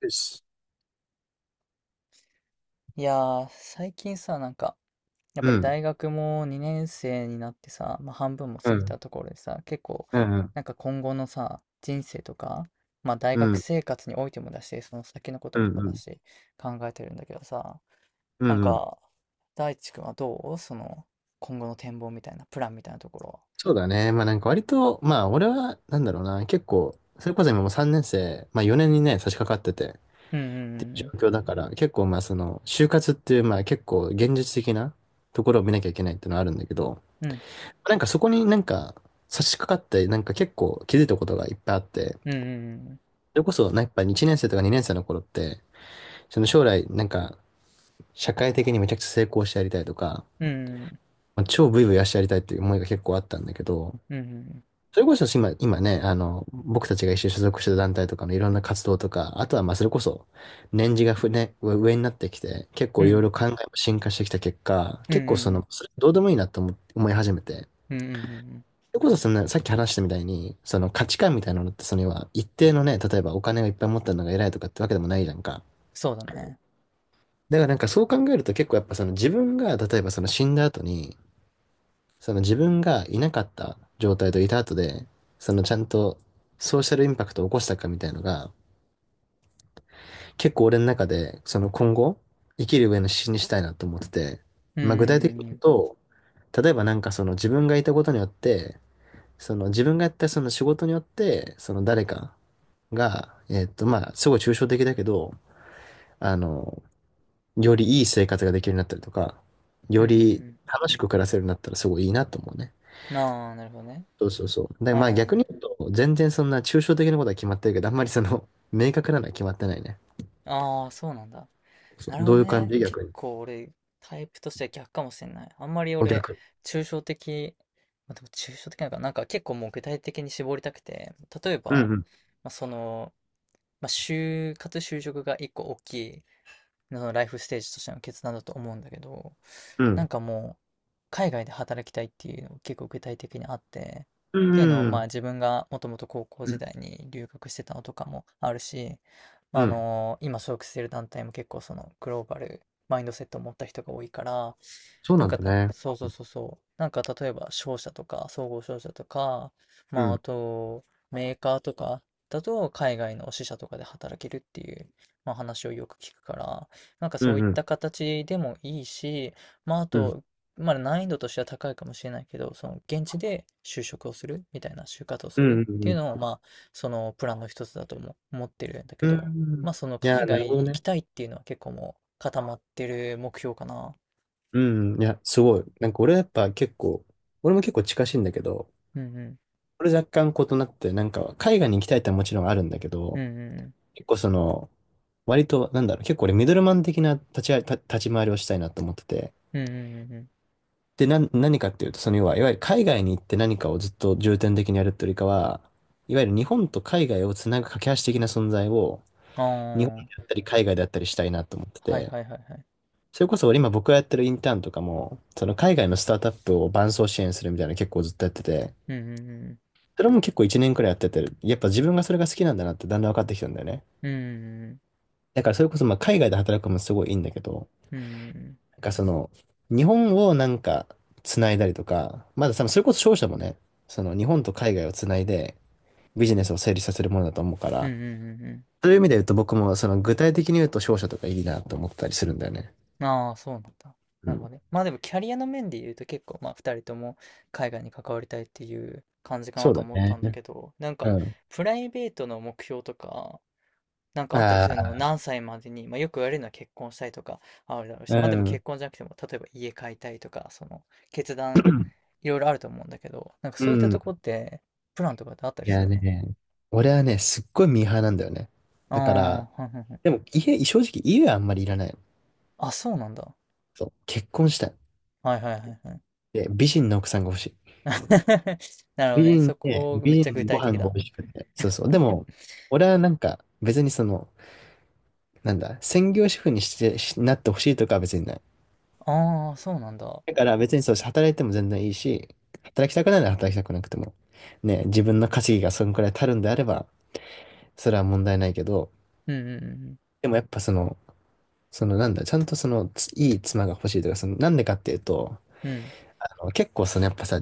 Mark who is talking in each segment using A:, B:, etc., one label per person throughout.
A: よし。
B: いやー、最近さ、なんか、やっ
A: う
B: ぱり
A: ん、
B: 大学も2年生になってさ、まあ、半分も
A: う
B: 過ぎ
A: ん、
B: たところでさ、結構、
A: うん、
B: なんか今後のさ、人生とか、まあ、大
A: うん、
B: 学
A: うん、
B: 生活においてもだし、その先のこと
A: う
B: もそうだ
A: ん、
B: し、考えてるんだけどさ、
A: う
B: なん
A: ん。うん、
B: か、大地君はどうその、今後の展望みたいな、プランみたいなところ。
A: そうだね。まあなんか割と、まあ俺は、なんだろうな、結構、それこそ今もう3年生、まあ4年にね、差し掛かってて、
B: うんうん
A: ってい
B: うん
A: う状況だから、結構まあその、就活っていう、まあ結構現実的なところを見なきゃいけないっていうのはあるんだけど、
B: うん
A: なんかそこになんか差し掛かって、なんか結構気づいたことがいっぱいあって、
B: うん
A: それこそ、やっぱ1年生とか2年生の頃って、その将来、なんか、社会的にめちゃくちゃ成功してやりたいとか、
B: うんうん
A: まあ超ブイブイ足やりたいっていう思いが結構あったんだけど、
B: うん
A: それこそ今、今ね、僕たちが一緒に所属してた団体とかのいろんな活動とか、あとはまあそれこそ、年次が上になってきて、結
B: うん
A: 構
B: う
A: いろい
B: ん
A: ろ考えも進化してきた結果、
B: うんう
A: 結構そ
B: んうん
A: の、それどうでもいいなと思い始めて、
B: うんうんうんうんうんうん。
A: それこそそのさっき話したみたいに、その価値観みたいなのって、その要は一定のね、例えばお金がいっぱい持ったのが偉いとかってわけでもないじゃんか。
B: そうだね。
A: だからなんかそう考えると結構やっぱその自分が例えばその死んだ後にその自分がいなかった状態といた後で、そのちゃんとソーシャルインパクトを起こしたかみたいのが、結構俺の中で、その今後、生きる上の指針にしたいなと思ってて、
B: うんう
A: まあ具体的に
B: んう
A: 言う
B: ん
A: と、例えばなんかその自分がいたことによって、その自分がやったその仕事によって、その誰かが、まあすごい抽象的だけど、あの、よりいい生活ができるようになったりとか、
B: う
A: よ
B: んうん
A: り
B: うん。
A: 楽しく暮らせるようになったらすごいいいなと思うね。
B: ああ、なるほどね。
A: そうそうそう。で、
B: う
A: まあ逆に
B: ん。
A: 言うと、全然そんな抽象的なことは決まってるけど、あんまりその、明確なのは決まってないね。
B: ああ、そうなんだ。
A: そう、
B: なるほ
A: ど
B: ど
A: ういう感
B: ね。
A: じ
B: 結
A: 逆に。
B: 構俺、タイプとしては逆かもしれない。あんまり
A: お
B: 俺、
A: 逆に。
B: 抽象的、まあ、でも抽象的なのかな、なんか結構もう具体的に絞りたくて、例え
A: う
B: ば、
A: ん、
B: まあ、その、まあ、就活就職が一個大きいのライフステージとしての決断だと思うんだけど、
A: うん。う
B: なん
A: ん。
B: かもう、海外で働きたいっていうのが結構具体的にあって、
A: う
B: っていうのをまあ
A: ん。
B: 自分がもともと高校
A: う
B: 時
A: ん。
B: 代に留学してたのとかもあるし、まあ、
A: う
B: あ
A: ん、
B: の今所属している団体も結構そのグローバルマインドセットを持った人が多いから、
A: そう
B: なん
A: なん
B: か
A: だ
B: な、
A: ね。
B: そうそうそうそう。なんか例えば商社とか、総合商社とか、
A: う
B: まああ
A: ん。
B: とメーカーとかだと海外の支社とかで働けるっていう、まあ、話をよく聞くから、なんか
A: う
B: そう
A: ん、
B: いっ
A: うん。
B: た形でもいいし、まあ、あ
A: うん。
B: と、まあ、難易度としては高いかもしれないけど、その現地で就職をするみたいな、就活をす
A: うん、
B: る
A: う
B: っていう
A: ん、
B: のを、
A: うん。
B: まあ、そのプランの一つだとも思ってるんだけ
A: う
B: ど、
A: ん、
B: まあ、その
A: い
B: 海
A: や、なるほ
B: 外
A: ど
B: 行き
A: ね。
B: たいっていうのは結構もう固まってる目標かな。
A: うん。いや、すごい。なんか俺やっぱ結構、俺も結構近しいんだけど、
B: うんうん。
A: 俺若干異なって、なんか海外に行きたいってのはもちろんあるんだけ
B: うんう
A: ど、
B: んうん。
A: 結構その、割と、なんだろう、結構俺ミドルマン的な立ち回りをしたいなと思ってて。
B: うんうんうんうん。
A: で、何かっていうと、その要は、いわゆる海外に行って何かをずっと重点的にやるってよりかは、いわゆる日本と海外をつなぐ架け橋的な存在を、
B: あ
A: 日本で
B: あ。
A: あったり海外であったりしたいなと思って
B: はい
A: て。
B: はいはいはい。
A: それこそ俺今僕がやってるインターンとかも、その海外のスタートアップを伴走支援するみたいなの結構ずっとやってて、
B: うんうんうん。
A: それも結構1年くらいやってて、やっぱ自分がそれが好きなんだなってだんだん分かってきたんだよね。
B: うんうんうん。
A: だからそれこそまあ海外で働くのもすごいいいんだけど、
B: うんうんうん。
A: なんかその、日本をなんか繋いだりとか、まだ多分それこそ商社もね、その日本と海外を繋いでビジネスを成立させるものだと思うか
B: うん
A: ら、
B: うんうんうん。
A: そういう意味で言うと僕もその具体的に言うと商社とかいいなと思ったりするんだよね。
B: ああ、そうなんだ。
A: う
B: なる
A: ん。
B: ほどね。まあでもキャリアの面で言うと結構まあ2人とも海外に関わりたいっていう感じか
A: そ
B: な
A: う
B: と
A: だ
B: 思った
A: ね。
B: んだけど、なん
A: う
B: か
A: ん。
B: プライベートの目標とか、なんかあったり
A: あ
B: するの
A: あ、
B: 何歳までに、まあよく言われるのは結婚したいとかあるだろうし、
A: う
B: まあでも結
A: ん。
B: 婚じゃなくても、例えば家買いたいとか、その決断、いろいろあると思うんだけど、なんか
A: う
B: そういったと
A: ん。
B: こってプランとかってあった
A: い
B: りす
A: や
B: るの？
A: ね、俺はね、すっごいミーハーなんだよね。
B: あ
A: だから、
B: あー、はいはいはい。
A: でも家、正直家はあんまりいらないの。
B: あ、そうなんだ。
A: そう。結婚したい。
B: はいはいはいはい。
A: で、美人の奥さんが欲しい。
B: なるほど
A: 美
B: ね。そ
A: 人で、
B: こめっ
A: 美
B: ちゃ
A: 人
B: 具
A: でご
B: 体
A: 飯
B: 的
A: が
B: だ。
A: 美味しくて。そうそう。でも、俺はなんか、別にその、なんだ、専業主婦にして、しなってほしいとかは別にない。
B: ああ、そうなんだ。
A: だから別にそう、働いても全然いいし、働きたくないなら働きたくなくても。ね、自分の稼ぎがそのくらい足るんであれば、それは問題ないけど、
B: うんうんうんうん。
A: でもやっぱその、そのなんだ、ちゃんとその、ついい妻が欲しいとか、その、なんでかっていうと、
B: うん
A: 結構そのやっぱさ、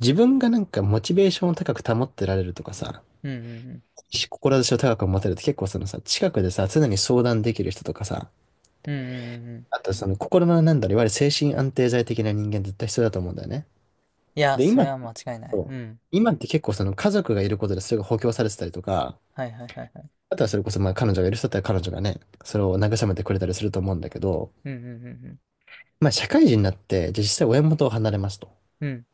A: 自分がなんかモチベーションを高く保ってられるとかさ、
B: うんうんうん。
A: 志を高く持てるって結構そのさ、近くでさ、常に相談できる人とかさ、
B: うんうんうんうん。
A: あとその心のなんだろう、いわゆる精神安定剤的な人間絶対必要だと思うんだよね。
B: いや、
A: で、
B: そ
A: 今
B: れ
A: って、
B: は間違いない。うん。
A: 今って結構その家族がいることでそれが補強されてたりとか、
B: はいはいはいはい。
A: あとはそれこそまあ彼女がいる人だったら彼女がね、それを慰めてくれたりすると思うんだけど、
B: うんうんうんうん。
A: まあ社会人になって、じゃあ実際親元を離れますと。
B: うん。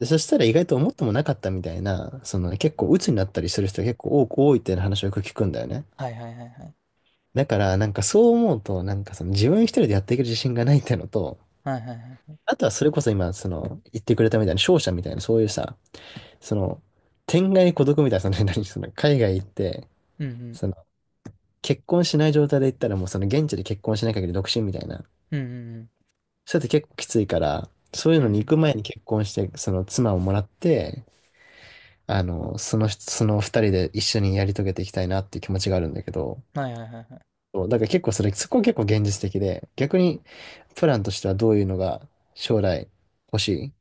A: で、そしたら意外と思ってもなかったみたいな、その結構鬱になったりする人が結構多いっていう話をよく聞くんだよね。
B: はいはいはいはい。
A: だから、なんかそう思うと、なんかその自分一人でやっていける自信がないってのと、
B: はいはいはいはい。
A: あとはそれこそ今、その、言ってくれたみたいな、商社みたいな、そういうさ、その、天涯孤独みたいな、その、何、その、海外行って、
B: うんうん。
A: その、結婚しない状態で行ったらもうその、現地で結婚しない限り独身みたいな。
B: うんうんうん。
A: そうやって結構きついから、そういう
B: うん
A: の
B: うん
A: に
B: う
A: 行
B: ん。
A: く前に結婚して、その、妻をもらって、その、その二人で一緒にやり遂げていきたいなっていう気持ちがあるんだけど、
B: はいはいはいはい。
A: そうだから結構そこは結構現実的で、逆にプランとしてはどういうのが将来欲しい。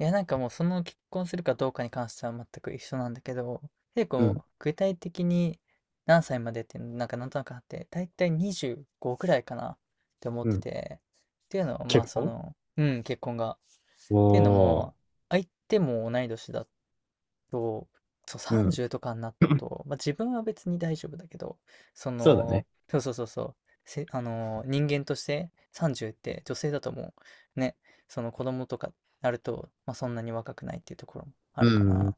B: いや、なんかもうその結婚するかどうかに関しては全く一緒なんだけど、結
A: うん、
B: 構具体的に何歳までってなんかなんとなくあって、だいたい25くらいかなって思っ
A: う
B: て
A: ん。
B: て、っていうのはまあ
A: 結
B: そ
A: 婚。
B: の、うん、結婚がっ
A: お
B: ていうの
A: おー、
B: も、相手も同い年だっ、そう、そう
A: うん。
B: 30とかになる と、まあ、自分は別に大丈夫だけど、そ
A: そうだね。
B: の、そうそうそうそう、せ、人間として30って女性だともう、ね、その子供とかなると、まあ、そんなに若くないっていうところもあ
A: う
B: るか
A: ん、うん、
B: ら、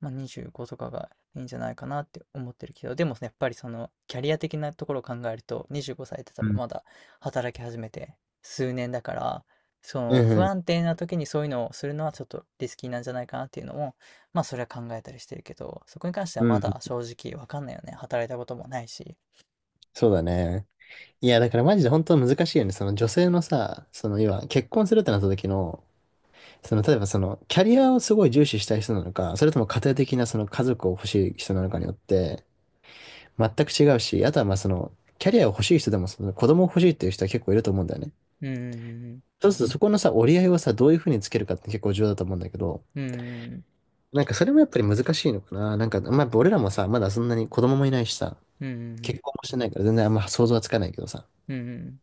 B: まあ、25とかがいいんじゃないかなって思ってるけど、でもやっぱりそのキャリア的なところを考えると、25歳って多
A: う
B: 分
A: ん、
B: まだ働き始めて数年だから、そ
A: う
B: の不
A: ん、
B: 安定な時にそういうのをするのはちょっとリスキーなんじゃないかなっていうのもまあそれは考えたりしてるけど、そこに関しては
A: う
B: ま
A: ん。
B: だ正直わかんないよね。働いたこともないし。
A: そうだね。いや、だからマジで本当難しいよね。その女性のさ、その要は結婚するってなった時の、その例えばそのキャリアをすごい重視したい人なのか、それとも家庭的なその家族を欲しい人なのかによって全く違うし、あとはまあそのキャリアを欲しい人でもその子供を欲しいっていう人は結構いると思うんだよね。
B: うん、
A: そうするとそこのさ、折り合いをさ、どういうふうにつけるかって結構重要だと思うんだけど、
B: うん、うん、
A: なんかそれもやっぱり難しいのかな。なんか、まあ、やっぱ俺らもさ、まだそんなに子供もいないしさ、
B: うん、う
A: 結
B: ん、
A: 婚もしてないから全然あんま想像はつかないけどさ、
B: うん。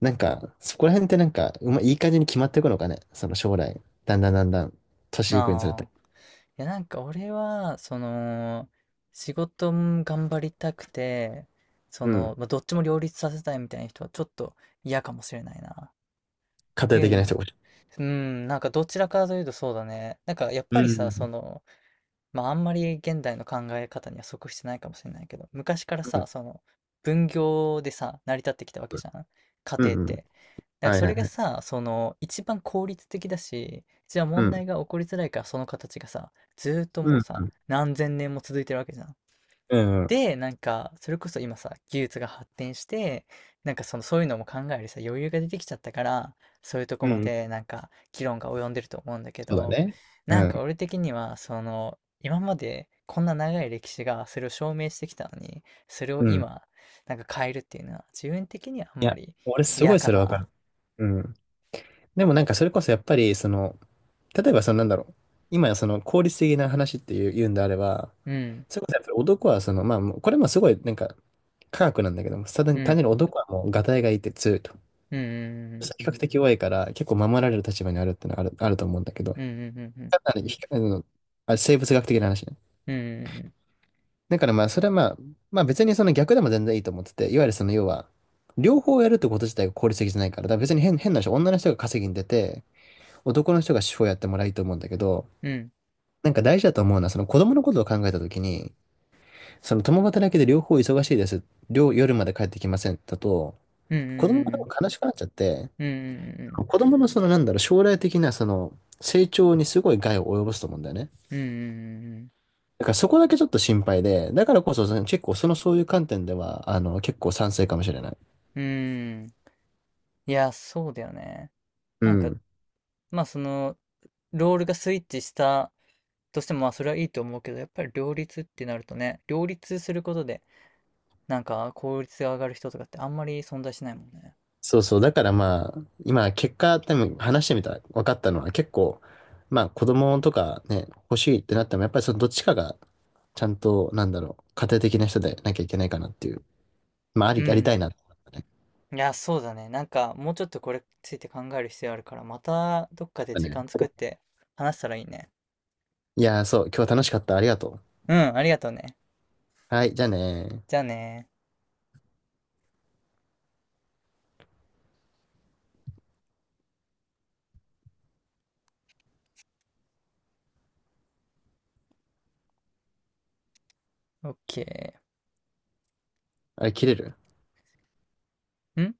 A: なんか、そこら辺ってなんか、うまいい感じに決まっていくのかね。その将来、だんだんだんだん、
B: うん
A: 年いくにつれ
B: あ
A: て。
B: あ。いやなんか俺は、その、仕事も頑張りたくて、そ
A: う
B: の、
A: ん。
B: まあ、どっちも両立させたいみたいな人はちょっと嫌かもしれないな。っ
A: 家
B: て
A: 庭
B: いう
A: 的な
B: の。
A: 人が。
B: うん、なんかどちらかというとそうだね。なんかやっ
A: う
B: ぱりさ、そ
A: ん。
B: の、まあ、あんまり現代の考え方には即してないかもしれないけど、昔から
A: う
B: さ、
A: ん。
B: その分業でさ、成り立ってきたわけじゃん、家
A: う
B: 庭っ
A: ん。うん、
B: て。だから
A: はい
B: そ
A: はい
B: れが
A: はい。
B: さ、その一番効率的だし、一番
A: う
B: 問
A: ん。
B: 題が起こりづらいからその形がさ、ずーっと
A: う
B: もう
A: ん。
B: さ、何千年も続いてるわけじゃん。
A: うん。うん、
B: でなんかそれこそ今さ技術が発展してなんかそのそういうのも考えるさ余裕が出てきちゃったからそういうとこ
A: う
B: ま
A: ん、
B: でなんか議論が及んでると思うんだけ
A: そうだ
B: ど、
A: ね。う
B: なんか
A: ん。
B: 俺的にはその今までこんな長い歴史がそれを証明してきたのにそれを
A: うん。
B: 今なんか変えるっていうのは自分的にはあん
A: い
B: ま
A: や、
B: り、
A: 俺
B: い
A: すご
B: や
A: い
B: か
A: それわか
B: な。
A: る。うん。でもなんかそれこそやっぱり、その、例えば、そのなんだろう。今、その効率的な話っていう、言うんであれば、
B: うん
A: それこそやっぱり男は、その、まあ、もうこれもすごい、なんか、科学なんだけども、単純
B: う
A: に単
B: ん
A: 純に男はもう、ガタイがいいって強いと。
B: うん
A: 比較的弱いから、結構守られる立場にあるってのはあると思うんだけど、
B: うんうんうん
A: かなり比較あ生物学的な話ね。
B: うんうん
A: だからまあ、それはまあ、まあ別にその逆でも全然いいと思ってて、いわゆるその要は、両方やるってこと自体が効率的じゃないから、だから別に変な人、女の人が稼ぎに出て、男の人が手法やってもらいいと思うんだけど、
B: うん
A: なんか大事だと思うのは、その子供のことを考えたときに、その共働きで両方忙しいです。夜まで帰ってきませんだと、
B: うんう
A: 子供が多
B: ん
A: 分悲しくなっちゃって、
B: うんうんうん
A: 子供のそのなんだろう、将来的なその成長にすごい害を及ぼすと思うんだよね。
B: うんうんうんうん
A: だからそこだけちょっと心配で、だからこそその結構そのそういう観点では、結構賛成かもしれない。
B: うん。いや、そうだよね。
A: う
B: なんか、
A: ん。
B: まあその、ロールがスイッチしたとしても、まあそれはいいと思うけど、やっぱり両立ってなるとね、両立することで、なんか効率が上がる人とかってあんまり存在しないもんね。
A: そうそう。だからまあ、今、結果、多分話してみたら分かったのは結構、まあ子供とかね、欲しいってなっても、やっぱりそのどっちかが、ちゃんと、なんだろう、家庭的な人でなきゃいけないかなっていう。まあ、あ
B: う
A: り、ありた
B: ん。
A: いなって思ったね。
B: いや、そうだね。なんか、もうちょっとこれについて考える必要あるから、またどっかで
A: だ
B: 時
A: ね。
B: 間作って話したらいいね。
A: いやー、そう、今日は楽しかった。ありがとう。
B: うん、ありがとうね。
A: はい、じゃあねー。
B: じゃあね。オッケ
A: あれ、切れる
B: ー。ん。